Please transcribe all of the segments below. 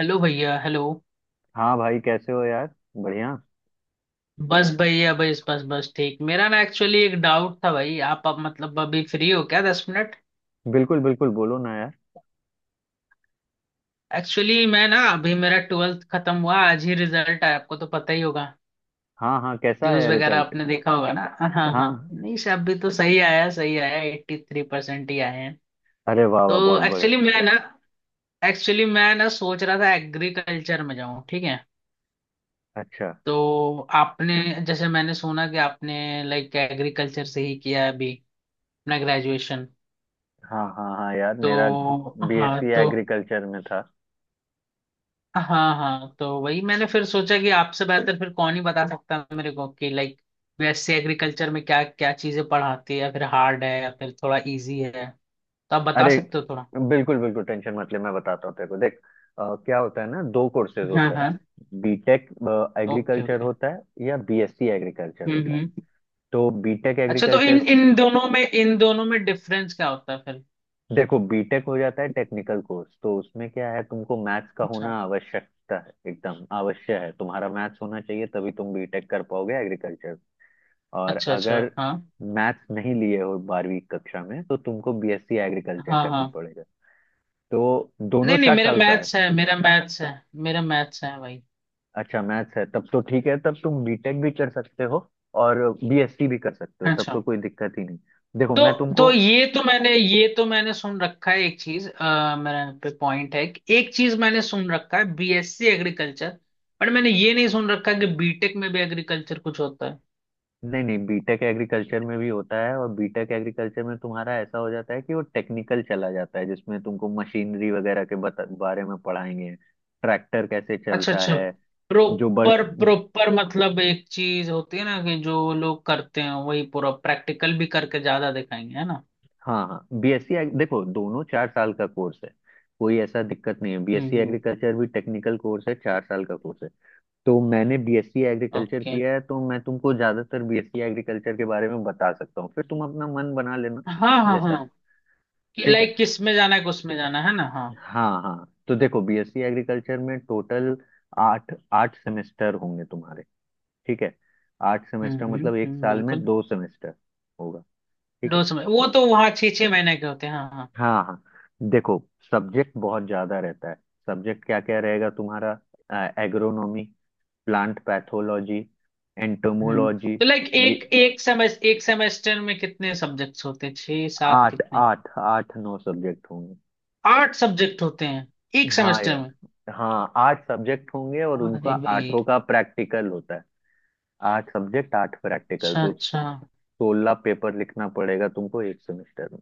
Hello भैया। Hello. हाँ भाई, कैसे हो यार। बढ़िया। बस भैया, बस बस बस ठीक। मेरा ना, एक्चुअली, एक डाउट था भाई। आप मतलब अभी फ्री हो क्या, दस मिनट? बिल्कुल बिल्कुल, बोलो ना यार। एक्चुअली मैं ना, अभी मेरा ट्वेल्थ खत्म हुआ, आज ही रिजल्ट आया, आपको तो पता ही होगा। हाँ हाँ, कैसा न्यूज आया वगैरह रिजल्ट। आपने देखा होगा ना? हाँ। हाँ, हाँ। नहीं, सब भी तो सही आया, सही आया, एट्टी थ्री परसेंट ही आए हैं। अरे वाह वाह, तो बहुत एक्चुअली बढ़िया। मैं ना एक्चुअली मैं ना सोच रहा था एग्रीकल्चर में जाऊँ, ठीक है? अच्छा। तो आपने जैसे मैंने सुना कि आपने लाइक एग्रीकल्चर से ही किया है अभी अपना ग्रेजुएशन। हाँ हाँ हाँ यार, मेरा तो, हाँ, बीएससी तो, एग्रीकल्चर में था। हाँ हाँ, तो वही मैंने फिर सोचा कि आपसे बेहतर फिर कौन ही बता सकता है मेरे को, कि लाइक, वैसे एग्रीकल्चर में क्या क्या चीजें पढ़ाती है, या फिर हार्ड है, या फिर थोड़ा इजी है, तो आप बता अरे सकते हो थोड़ा। बिल्कुल बिल्कुल, टेंशन मत ले, मैं बताता हूँ तेरे को, देख। क्या होता है ना, दो कोर्सेज हाँ होते हाँ। हैं। B Tech okay agriculture okay. होता है या बीएससी एग्रीकल्चर होता है। हम्म। तो बीटेक अच्छा, तो इन एग्रीकल्चर, इन दोनों में डिफरेंस क्या होता है फिर? देखो बीटेक हो जाता है टेक्निकल कोर्स, तो उसमें क्या है, तुमको मैथ्स का अच्छा। होना आवश्यकता है, एकदम आवश्यक है, तुम्हारा मैथ्स होना चाहिए तभी तुम बीटेक कर पाओगे एग्रीकल्चर। और अच्छा अच्छा, अगर हाँ। मैथ्स नहीं लिए हो 12वीं कक्षा में तो तुमको बीएससी एग्रीकल्चर हाँ करना हाँ। पड़ेगा। तो दोनों नहीं नहीं, चार मेरा साल का है। मैथ्स है, मेरा मैथ्स है, मेरा मैथ्स है भाई। अच्छा मैथ्स है, तब तो ठीक है, तब तुम बीटेक भी कर सकते हो और बीएससी भी कर सकते हो, तब अच्छा। तो कोई दिक्कत ही नहीं। देखो मैं तो तुमको, तो ये तो मैंने सुन रखा है एक चीज, मेरा पे पॉइंट है कि एक चीज मैंने सुन रखा है बीएससी एग्रीकल्चर। बट मैंने ये नहीं सुन रखा कि बीटेक में भी एग्रीकल्चर कुछ होता है। नहीं नहीं बीटेक एग्रीकल्चर में भी होता है, और बीटेक एग्रीकल्चर में तुम्हारा ऐसा हो जाता है कि वो टेक्निकल चला जाता है, जिसमें तुमको मशीनरी वगैरह के बारे में पढ़ाएंगे। ट्रैक्टर कैसे अच्छा चलता अच्छा। है। जो बड़ प्रॉपर प्रॉपर मतलब, एक चीज होती है ना, कि जो लोग करते हैं वही पूरा प्रैक्टिकल भी करके ज्यादा दिखाएंगे, है ना? हाँ हाँ, बीएससी देखो दोनों 4 साल का कोर्स है, कोई ऐसा दिक्कत नहीं है। बीएससी हम्म। एग्रीकल्चर भी टेक्निकल कोर्स है, 4 साल का कोर्स है। तो मैंने बीएससी एग्रीकल्चर ओके, किया है, तो मैं तुमको ज्यादातर बीएससी एग्रीकल्चर के बारे में बता सकता हूँ, फिर तुम अपना मन बना लेना हाँ हाँ जैसा। हाँ, कि ठीक है। लाइक किस में जाना है, किस में जाना है ना? हाँ। हाँ हाँ, तो देखो बीएससी एग्रीकल्चर में टोटल आठ आठ सेमेस्टर होंगे तुम्हारे। ठीक है। आठ सेमेस्टर मतलब एक साल में बिल्कुल। 2 सेमेस्टर होगा। ठीक दो है। समय, वो तो वहाँ छः छः महीने के होते हैं, हाँ हाँ। हाँ हाँ। देखो सब्जेक्ट बहुत ज्यादा रहता है। सब्जेक्ट क्या क्या रहेगा तुम्हारा, एग्रोनॉमी, प्लांट पैथोलॉजी, हम्म, एंटोमोलॉजी, तो लाइक एक ये एक सेमेस एक सेमेस्टर में कितने सब्जेक्ट्स होते हैं, छः सात आठ कितने? आठ आठ नौ सब्जेक्ट होंगे। आठ सब्जेक्ट होते हैं एक हाँ सेमेस्टर में? यार। हाँ, 8 सब्जेक्ट होंगे और उनका अरे भाई। आठों का प्रैक्टिकल होता है। 8 सब्जेक्ट 8 प्रैक्टिकल, अच्छा तो अच्छा, 16 पेपर लिखना पड़ेगा तुमको 1 सेमेस्टर में।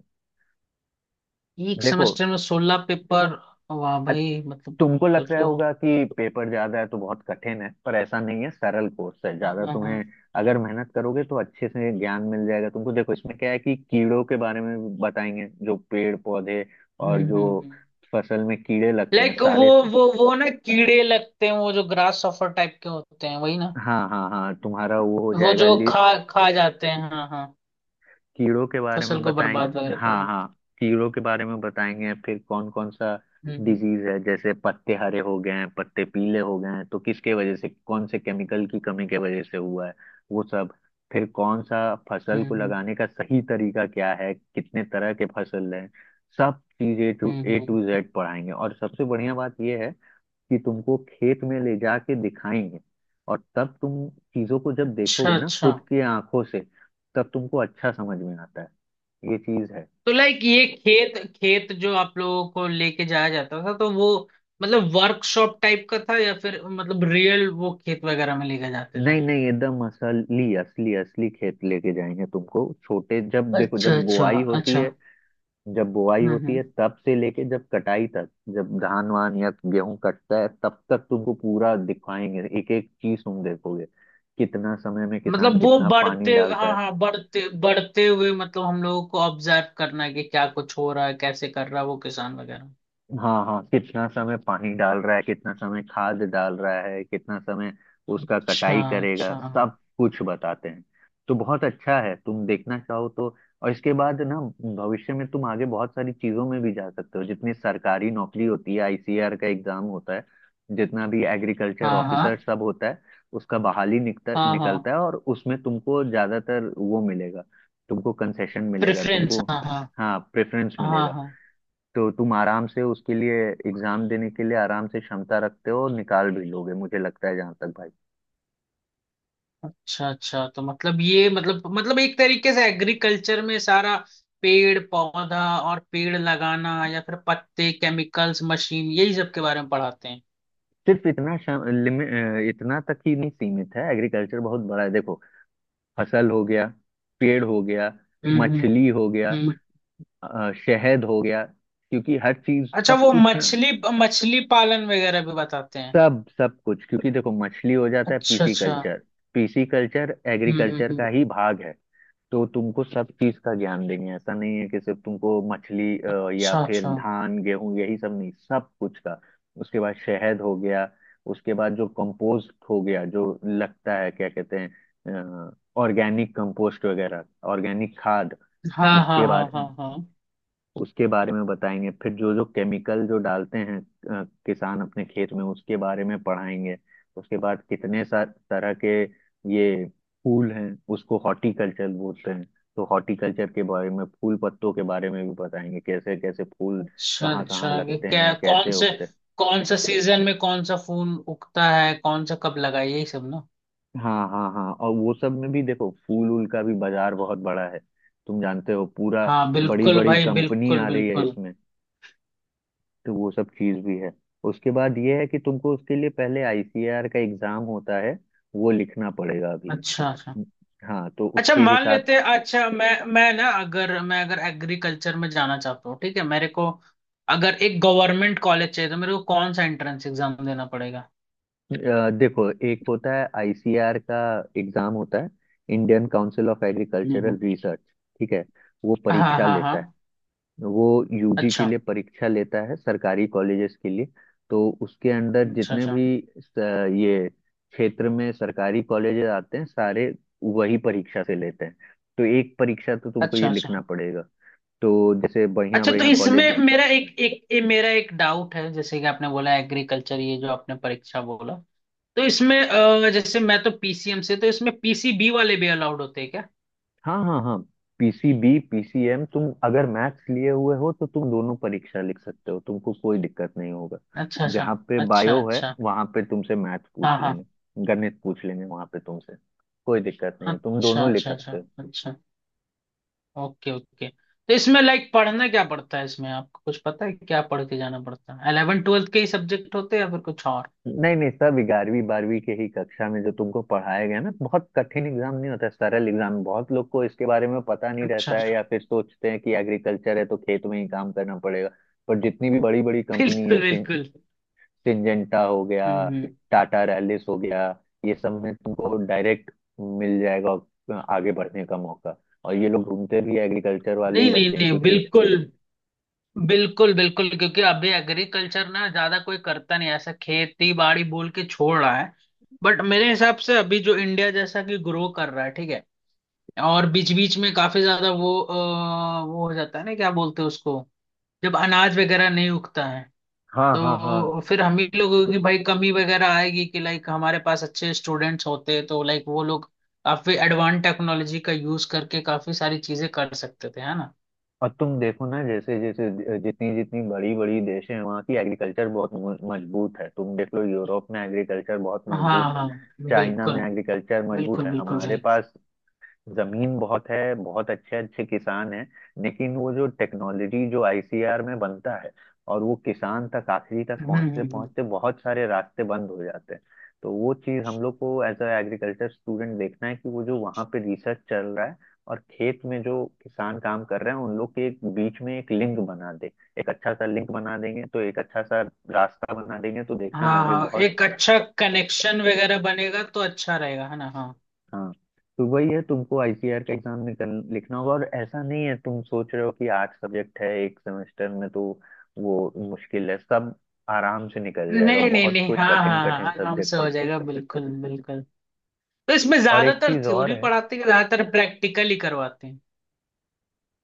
एक देखो, सेमेस्टर में सोलह पेपर? वाह अ- भाई, मतलब। तुमको फिर लग रहा तो, होगा कि पेपर ज्यादा है तो बहुत कठिन है, पर ऐसा नहीं है, सरल कोर्स है हाँ ज्यादा। हाँ हाँ। तुम्हें अगर मेहनत करोगे तो अच्छे से ज्ञान मिल जाएगा तुमको। देखो इसमें क्या है कि कीड़ों के बारे में भी बताएंगे, जो पेड़ पौधे और जो हम्म। फसल में कीड़े लगते हैं लाइक वो, सारे। वो ना कीड़े लगते हैं, वो जो ग्रास सफर टाइप के होते हैं वही ना? हाँ हाँ हाँ, तुम्हारा वो हो वो जाएगा। जो खा खा जाते हैं, हाँ हाँ। कीड़ों के बारे में फसल को बर्बाद बताएंगे, वगैरह कर हाँ देते हाँ। कीड़ों के बारे में बताएंगे, फिर कौन कौन सा हैं। डिजीज है, जैसे पत्ते हरे हो गए हैं, पत्ते पीले हो गए हैं, तो किसके वजह से, कौन से केमिकल की कमी के वजह से हुआ है, वो सब। फिर कौन सा फसल हम्म को हम्म लगाने का सही तरीका क्या है, कितने तरह के फसल हैं, सब चीजें टू हम्म ए टू हम्म। जेड पढ़ाएंगे। और सबसे बढ़िया बात यह है कि तुमको खेत में ले जाके दिखाएंगे, और तब तुम चीजों को जब देखोगे अच्छा ना अच्छा, खुद की आंखों से, तब तुमको अच्छा समझ में आता है ये चीज है। तो लाइक ये खेत खेत जो आप लोगों को लेके जाया जाता था, तो वो मतलब वर्कशॉप टाइप का था या फिर मतलब रियल वो खेत वगैरह में लेके जाते थे? नहीं नहीं, एकदम असली असली असली खेत लेके जाएंगे तुमको, छोटे जब देखो, अच्छा जब अच्छा। बुआई होती अच्छा। है, जब बुआई होती हम्म। है तब से लेके जब कटाई तक, जब धान वान या गेहूं कटता है तब तक तुमको पूरा दिखाएंगे, एक एक चीज तुम देखोगे। कितना समय में किसान मतलब वो कितना पानी बढ़ते, हाँ डालता है। हाँ, बढ़ते बढ़ते हुए मतलब हम लोगों को ऑब्जर्व करना है कि क्या कुछ हो रहा है, कैसे कर रहा है वो किसान वगैरह। हाँ हाँ, कितना समय पानी डाल रहा है, कितना समय खाद डाल रहा है, कितना समय उसका अच्छा कटाई करेगा, अच्छा, हाँ। सब कुछ बताते हैं। तो बहुत अच्छा है तुम देखना चाहो तो। और इसके बाद ना, भविष्य में तुम आगे बहुत सारी चीजों में भी जा सकते हो। जितनी सरकारी नौकरी होती है, ICAR का एग्जाम होता है, जितना भी एग्रीकल्चर ऑफिसर हाँ सब होता है, उसका बहाली निकता हाँ हाँ निकलता है, और उसमें तुमको ज्यादातर वो मिलेगा, तुमको कंसेशन मिलेगा प्रेफरेंस, तुमको। हाँ हाँ। हाँ, प्रेफरेंस हाँ मिलेगा। हाँ। तो तुम आराम से उसके लिए एग्जाम देने के लिए आराम से क्षमता रखते हो, और निकाल भी लोगे मुझे लगता है, जहां तक भाई। अच्छा अच्छा, तो मतलब ये मतलब, मतलब एक तरीके से एग्रीकल्चर में सारा पेड़ पौधा और पेड़ लगाना या फिर पत्ते, केमिकल्स, मशीन, यही सब के बारे में पढ़ाते हैं। सिर्फ इतना इतना तक ही नहीं सीमित है, एग्रीकल्चर बहुत बड़ा है देखो। फसल हो गया, पेड़ हो गया, हम्म। मछली हो गया, हम्म। शहद हो गया, क्योंकि हर चीज अच्छा, सब वो कुछ ना, मछली, मछली पालन वगैरह भी बताते हैं? सब सब कुछ, क्योंकि देखो मछली हो जाता है अच्छा पीसी अच्छा। कल्चर पीसी कल्चर हम्म हम्म, एग्रीकल्चर का ही हम्म। भाग है। तो तुमको सब चीज का ज्ञान देंगे, ऐसा नहीं है कि सिर्फ तुमको मछली या अच्छा फिर अच्छा। धान गेहूं यही सब, नहीं सब कुछ का। उसके बाद शहद हो गया, उसके बाद जो कंपोस्ट हो गया, जो लगता है क्या कहते हैं, ऑर्गेनिक कंपोस्ट वगैरह, ऑर्गेनिक खाद, हाँ हाँ उसके हाँ हाँ बारे हाँ। उसके बारे में बताएंगे। फिर जो जो केमिकल जो डालते हैं किसान अपने खेत में, उसके बारे में पढ़ाएंगे। उसके बाद कितने सा तरह के ये फूल हैं, उसको हॉर्टिकल्चर बोलते हैं, तो हॉर्टिकल्चर के बारे में फूल पत्तों के बारे में भी बताएंगे, कैसे कैसे फूल अच्छा कहाँ कहाँ अच्छा, ये लगते क्या हैं, कौन कैसे से, उगते हैं। कौन सा सीजन में कौन सा फूल उगता है, कौन सा कब लगा है, यही सब ना? हाँ हाँ हाँ, और वो सब में भी देखो फूल वूल का भी बाजार बहुत बड़ा है, तुम जानते हो पूरा। हाँ बड़ी बिल्कुल बड़ी भाई, कंपनी बिल्कुल आ रही है बिल्कुल। इसमें, तो वो सब चीज भी है। उसके बाद ये है कि तुमको उसके लिए पहले ICAR का एग्जाम होता है, वो लिखना पड़ेगा अभी। अच्छा अच्छा। हाँ तो अच्छा, उसके मान हिसाब, लेते हैं, अच्छा मैं ना, अगर एग्रीकल्चर में जाना चाहता हूँ ठीक है, मेरे को अगर एक गवर्नमेंट कॉलेज चाहिए, तो मेरे को कौन सा एंट्रेंस एग्जाम देना पड़ेगा? देखो एक होता है ICAR का एग्जाम होता है, इंडियन काउंसिल ऑफ हम्म एग्रीकल्चरल हम्म। रिसर्च। ठीक है, वो हाँ परीक्षा हाँ हाँ। लेता है, वो यूजी के अच्छा लिए परीक्षा लेता है सरकारी कॉलेजेस के लिए। तो उसके अंदर अच्छा। जितने अच्छा भी स- ये क्षेत्र में सरकारी कॉलेजेस आते हैं सारे, वही परीक्षा से लेते हैं। तो एक परीक्षा तो तुमको ये अच्छा। अच्छा लिखना पड़ेगा, तो जैसे बढ़िया अच्छा। तो बढ़िया कॉलेज। इसमें मेरा एक एक ये मेरा एक डाउट है, जैसे कि आपने बोला एग्रीकल्चर, ये जो आपने परीक्षा बोला, तो इसमें जैसे मैं तो पीसीएम से, तो इसमें पीसीबी वाले भी अलाउड होते हैं क्या? हाँ हाँ हाँ, PCB PCM, तुम अगर मैथ्स लिए हुए हो तो तुम दोनों परीक्षा लिख सकते हो, तुमको कोई दिक्कत नहीं होगा। अच्छा अच्छा। जहाँ पे अच्छा बायो है अच्छा, वहां पे तुमसे मैथ्स पूछ हाँ हाँ। लेंगे, गणित पूछ लेंगे वहां पे तुमसे, कोई दिक्कत नहीं है, तुम अच्छा दोनों लिख अच्छा। सकते अच्छा हो। अच्छा। Okay okay. तो इसमें लाइक पढ़ना क्या पड़ता है, इसमें आपको कुछ पता है, क्या पढ़ के जाना पड़ता है? 11th 12th के ही सब्जेक्ट होते हैं या फिर कुछ और? नहीं नहीं, सब 11वीं 12वीं के ही कक्षा में जो तुमको पढ़ाया गया ना, बहुत कठिन एग्जाम नहीं होता, सरल एग्जाम। बहुत लोग को इसके बारे में पता नहीं अच्छा रहता है, अच्छा। या फिर सोचते हैं कि एग्रीकल्चर है तो खेत में ही काम करना पड़ेगा। पर जितनी भी बड़ी बड़ी कंपनी है, बिल्कुल बिल्कुल। सिंजेंटा हो गया, हम्म हम्म। टाटा रैलिस हो गया, ये सब में तुमको डायरेक्ट मिल जाएगा आगे बढ़ने का मौका। और ये लोग ढूंढते भी एग्रीकल्चर वाले ही नहीं नहीं बच्चे हैं, नहीं, क्योंकि बिल्कुल बिल्कुल बिल्कुल, क्योंकि अभी एग्रीकल्चर ना ज्यादा कोई करता नहीं, ऐसा खेती बाड़ी बोल के छोड़ रहा है। बट मेरे हिसाब से अभी जो इंडिया जैसा कि ग्रो कर रहा है, ठीक है, और बीच बीच में काफी ज्यादा वो वो हो जाता है ना, क्या बोलते हैं उसको, जब अनाज वगैरह नहीं उगता है, हाँ हाँ हाँ। तो फिर हम ही लोगों की भाई कमी वगैरह आएगी, कि लाइक हमारे पास अच्छे स्टूडेंट्स होते तो लाइक वो लोग काफी एडवांस टेक्नोलॉजी का यूज करके काफी सारी चीजें कर सकते थे, है ना? और तुम देखो ना, जैसे जैसे जितनी जितनी बड़ी बड़ी देश हैं वहाँ की एग्रीकल्चर बहुत मजबूत है, तुम देख लो यूरोप में एग्रीकल्चर बहुत हाँ मजबूत है, हाँ। चाइना में बिल्कुल एग्रीकल्चर मजबूत बिल्कुल है। बिल्कुल हमारे भाई। पास जमीन बहुत है, बहुत अच्छे अच्छे किसान हैं, लेकिन वो जो टेक्नोलॉजी जो ICAR में बनता है, और वो किसान तक आखिरी तक हम्म हम्म, पहुंचते हम्म। पहुंचते बहुत सारे रास्ते बंद हो जाते हैं। तो वो चीज हम लोग को एज अ एग्रीकल्चर स्टूडेंट देखना है, कि वो जो वहाँ पे रिसर्च चल रहा है और खेत में जो किसान काम कर रहे हैं, उन लोग के एक बीच में एक लिंक बना दे, एक अच्छा सा लिंक बना देंगे तो एक अच्छा सा रास्ता बना देंगे, तो देखना हाँ आगे हाँ, बहुत। एक अच्छा कनेक्शन वगैरह बनेगा तो अच्छा रहेगा, है ना? हाँ। हाँ, तो वही है, तुमको ICAR का एग्जाम निकल लिखना होगा। और ऐसा नहीं है तुम सोच रहे हो कि 8 सब्जेक्ट है 1 सेमेस्टर में तो वो मुश्किल है, सब आराम से निकल जाएगा, नहीं नहीं बहुत नहीं, कोई हाँ कठिन हाँ कठिन हाँ, आराम से सब्जेक्ट हो नहीं। जाएगा, बिल्कुल बिल्कुल। तो इसमें और एक ज्यादातर चीज और थ्योरी है, पढ़ाते हैं कि ज्यादातर प्रैक्टिकल ही करवाते हैं?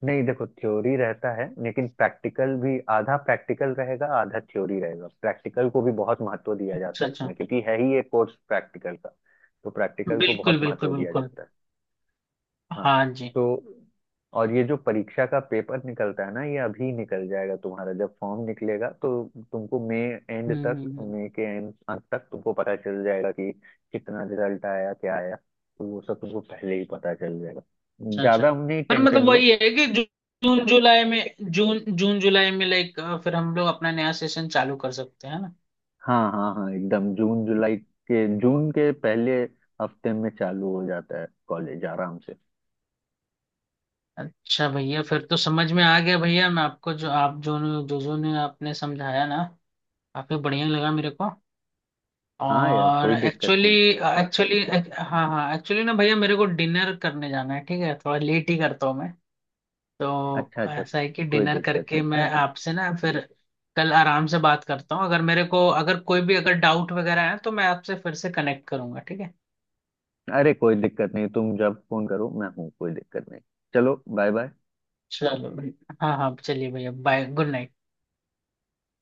नहीं देखो थ्योरी रहता है लेकिन प्रैक्टिकल भी, आधा प्रैक्टिकल रहेगा आधा थ्योरी रहेगा, प्रैक्टिकल को भी बहुत महत्व दिया जाता अच्छा है अच्छा। इसमें, क्योंकि है ही एक कोर्स प्रैक्टिकल का, तो प्रैक्टिकल को बिल्कुल बहुत बिल्कुल महत्व दिया बिल्कुल। जाता है। हाँ। हाँ जी। तो और ये जो परीक्षा का पेपर निकलता है ना, ये अभी निकल जाएगा तुम्हारा, जब फॉर्म निकलेगा तो तुमको मई एंड तक, हम्म। मई के एंड अंत तक तुमको पता चल जाएगा कि कितना रिजल्ट आया क्या आया, तो वो सब तुमको पहले ही पता चल जाएगा, अच्छा अच्छा। ज्यादा नहीं पर टेंशन मतलब लो। वही है कि जून जुलाई में, जून जून जुलाई में लाइक फिर हम लोग अपना नया सेशन चालू कर सकते हैं ना? हाँ हाँ हाँ, एकदम जून जुलाई के, जून के पहले हफ्ते में चालू हो जाता है कॉलेज आराम से। अच्छा भैया, फिर तो समझ में आ गया भैया, मैं आपको जो आप जो जो जो ने आपने समझाया ना, काफी बढ़िया लगा मेरे को। हाँ यार, और कोई दिक्कत एक्चुअली, नहीं। एक्चुअली हाँ हाँ, एक्चुअली ना भैया, मेरे को डिनर करने जाना है ठीक है, थोड़ा लेट ही करता हूँ मैं। तो अच्छा अच्छा, ऐसा है कि कोई डिनर दिक्कत करके नहीं। मैं आपसे ना, फिर कल आराम से बात करता हूँ, अगर मेरे को अगर कोई भी अगर डाउट वगैरह है तो मैं आपसे फिर से कनेक्ट करूंगा, ठीक है? अरे कोई दिक्कत नहीं, तुम जब फोन करो मैं हूँ, कोई दिक्कत नहीं। चलो बाय बाय। चलो भाई। हाँ हाँ, चलिए भैया, बाय, गुड नाइट।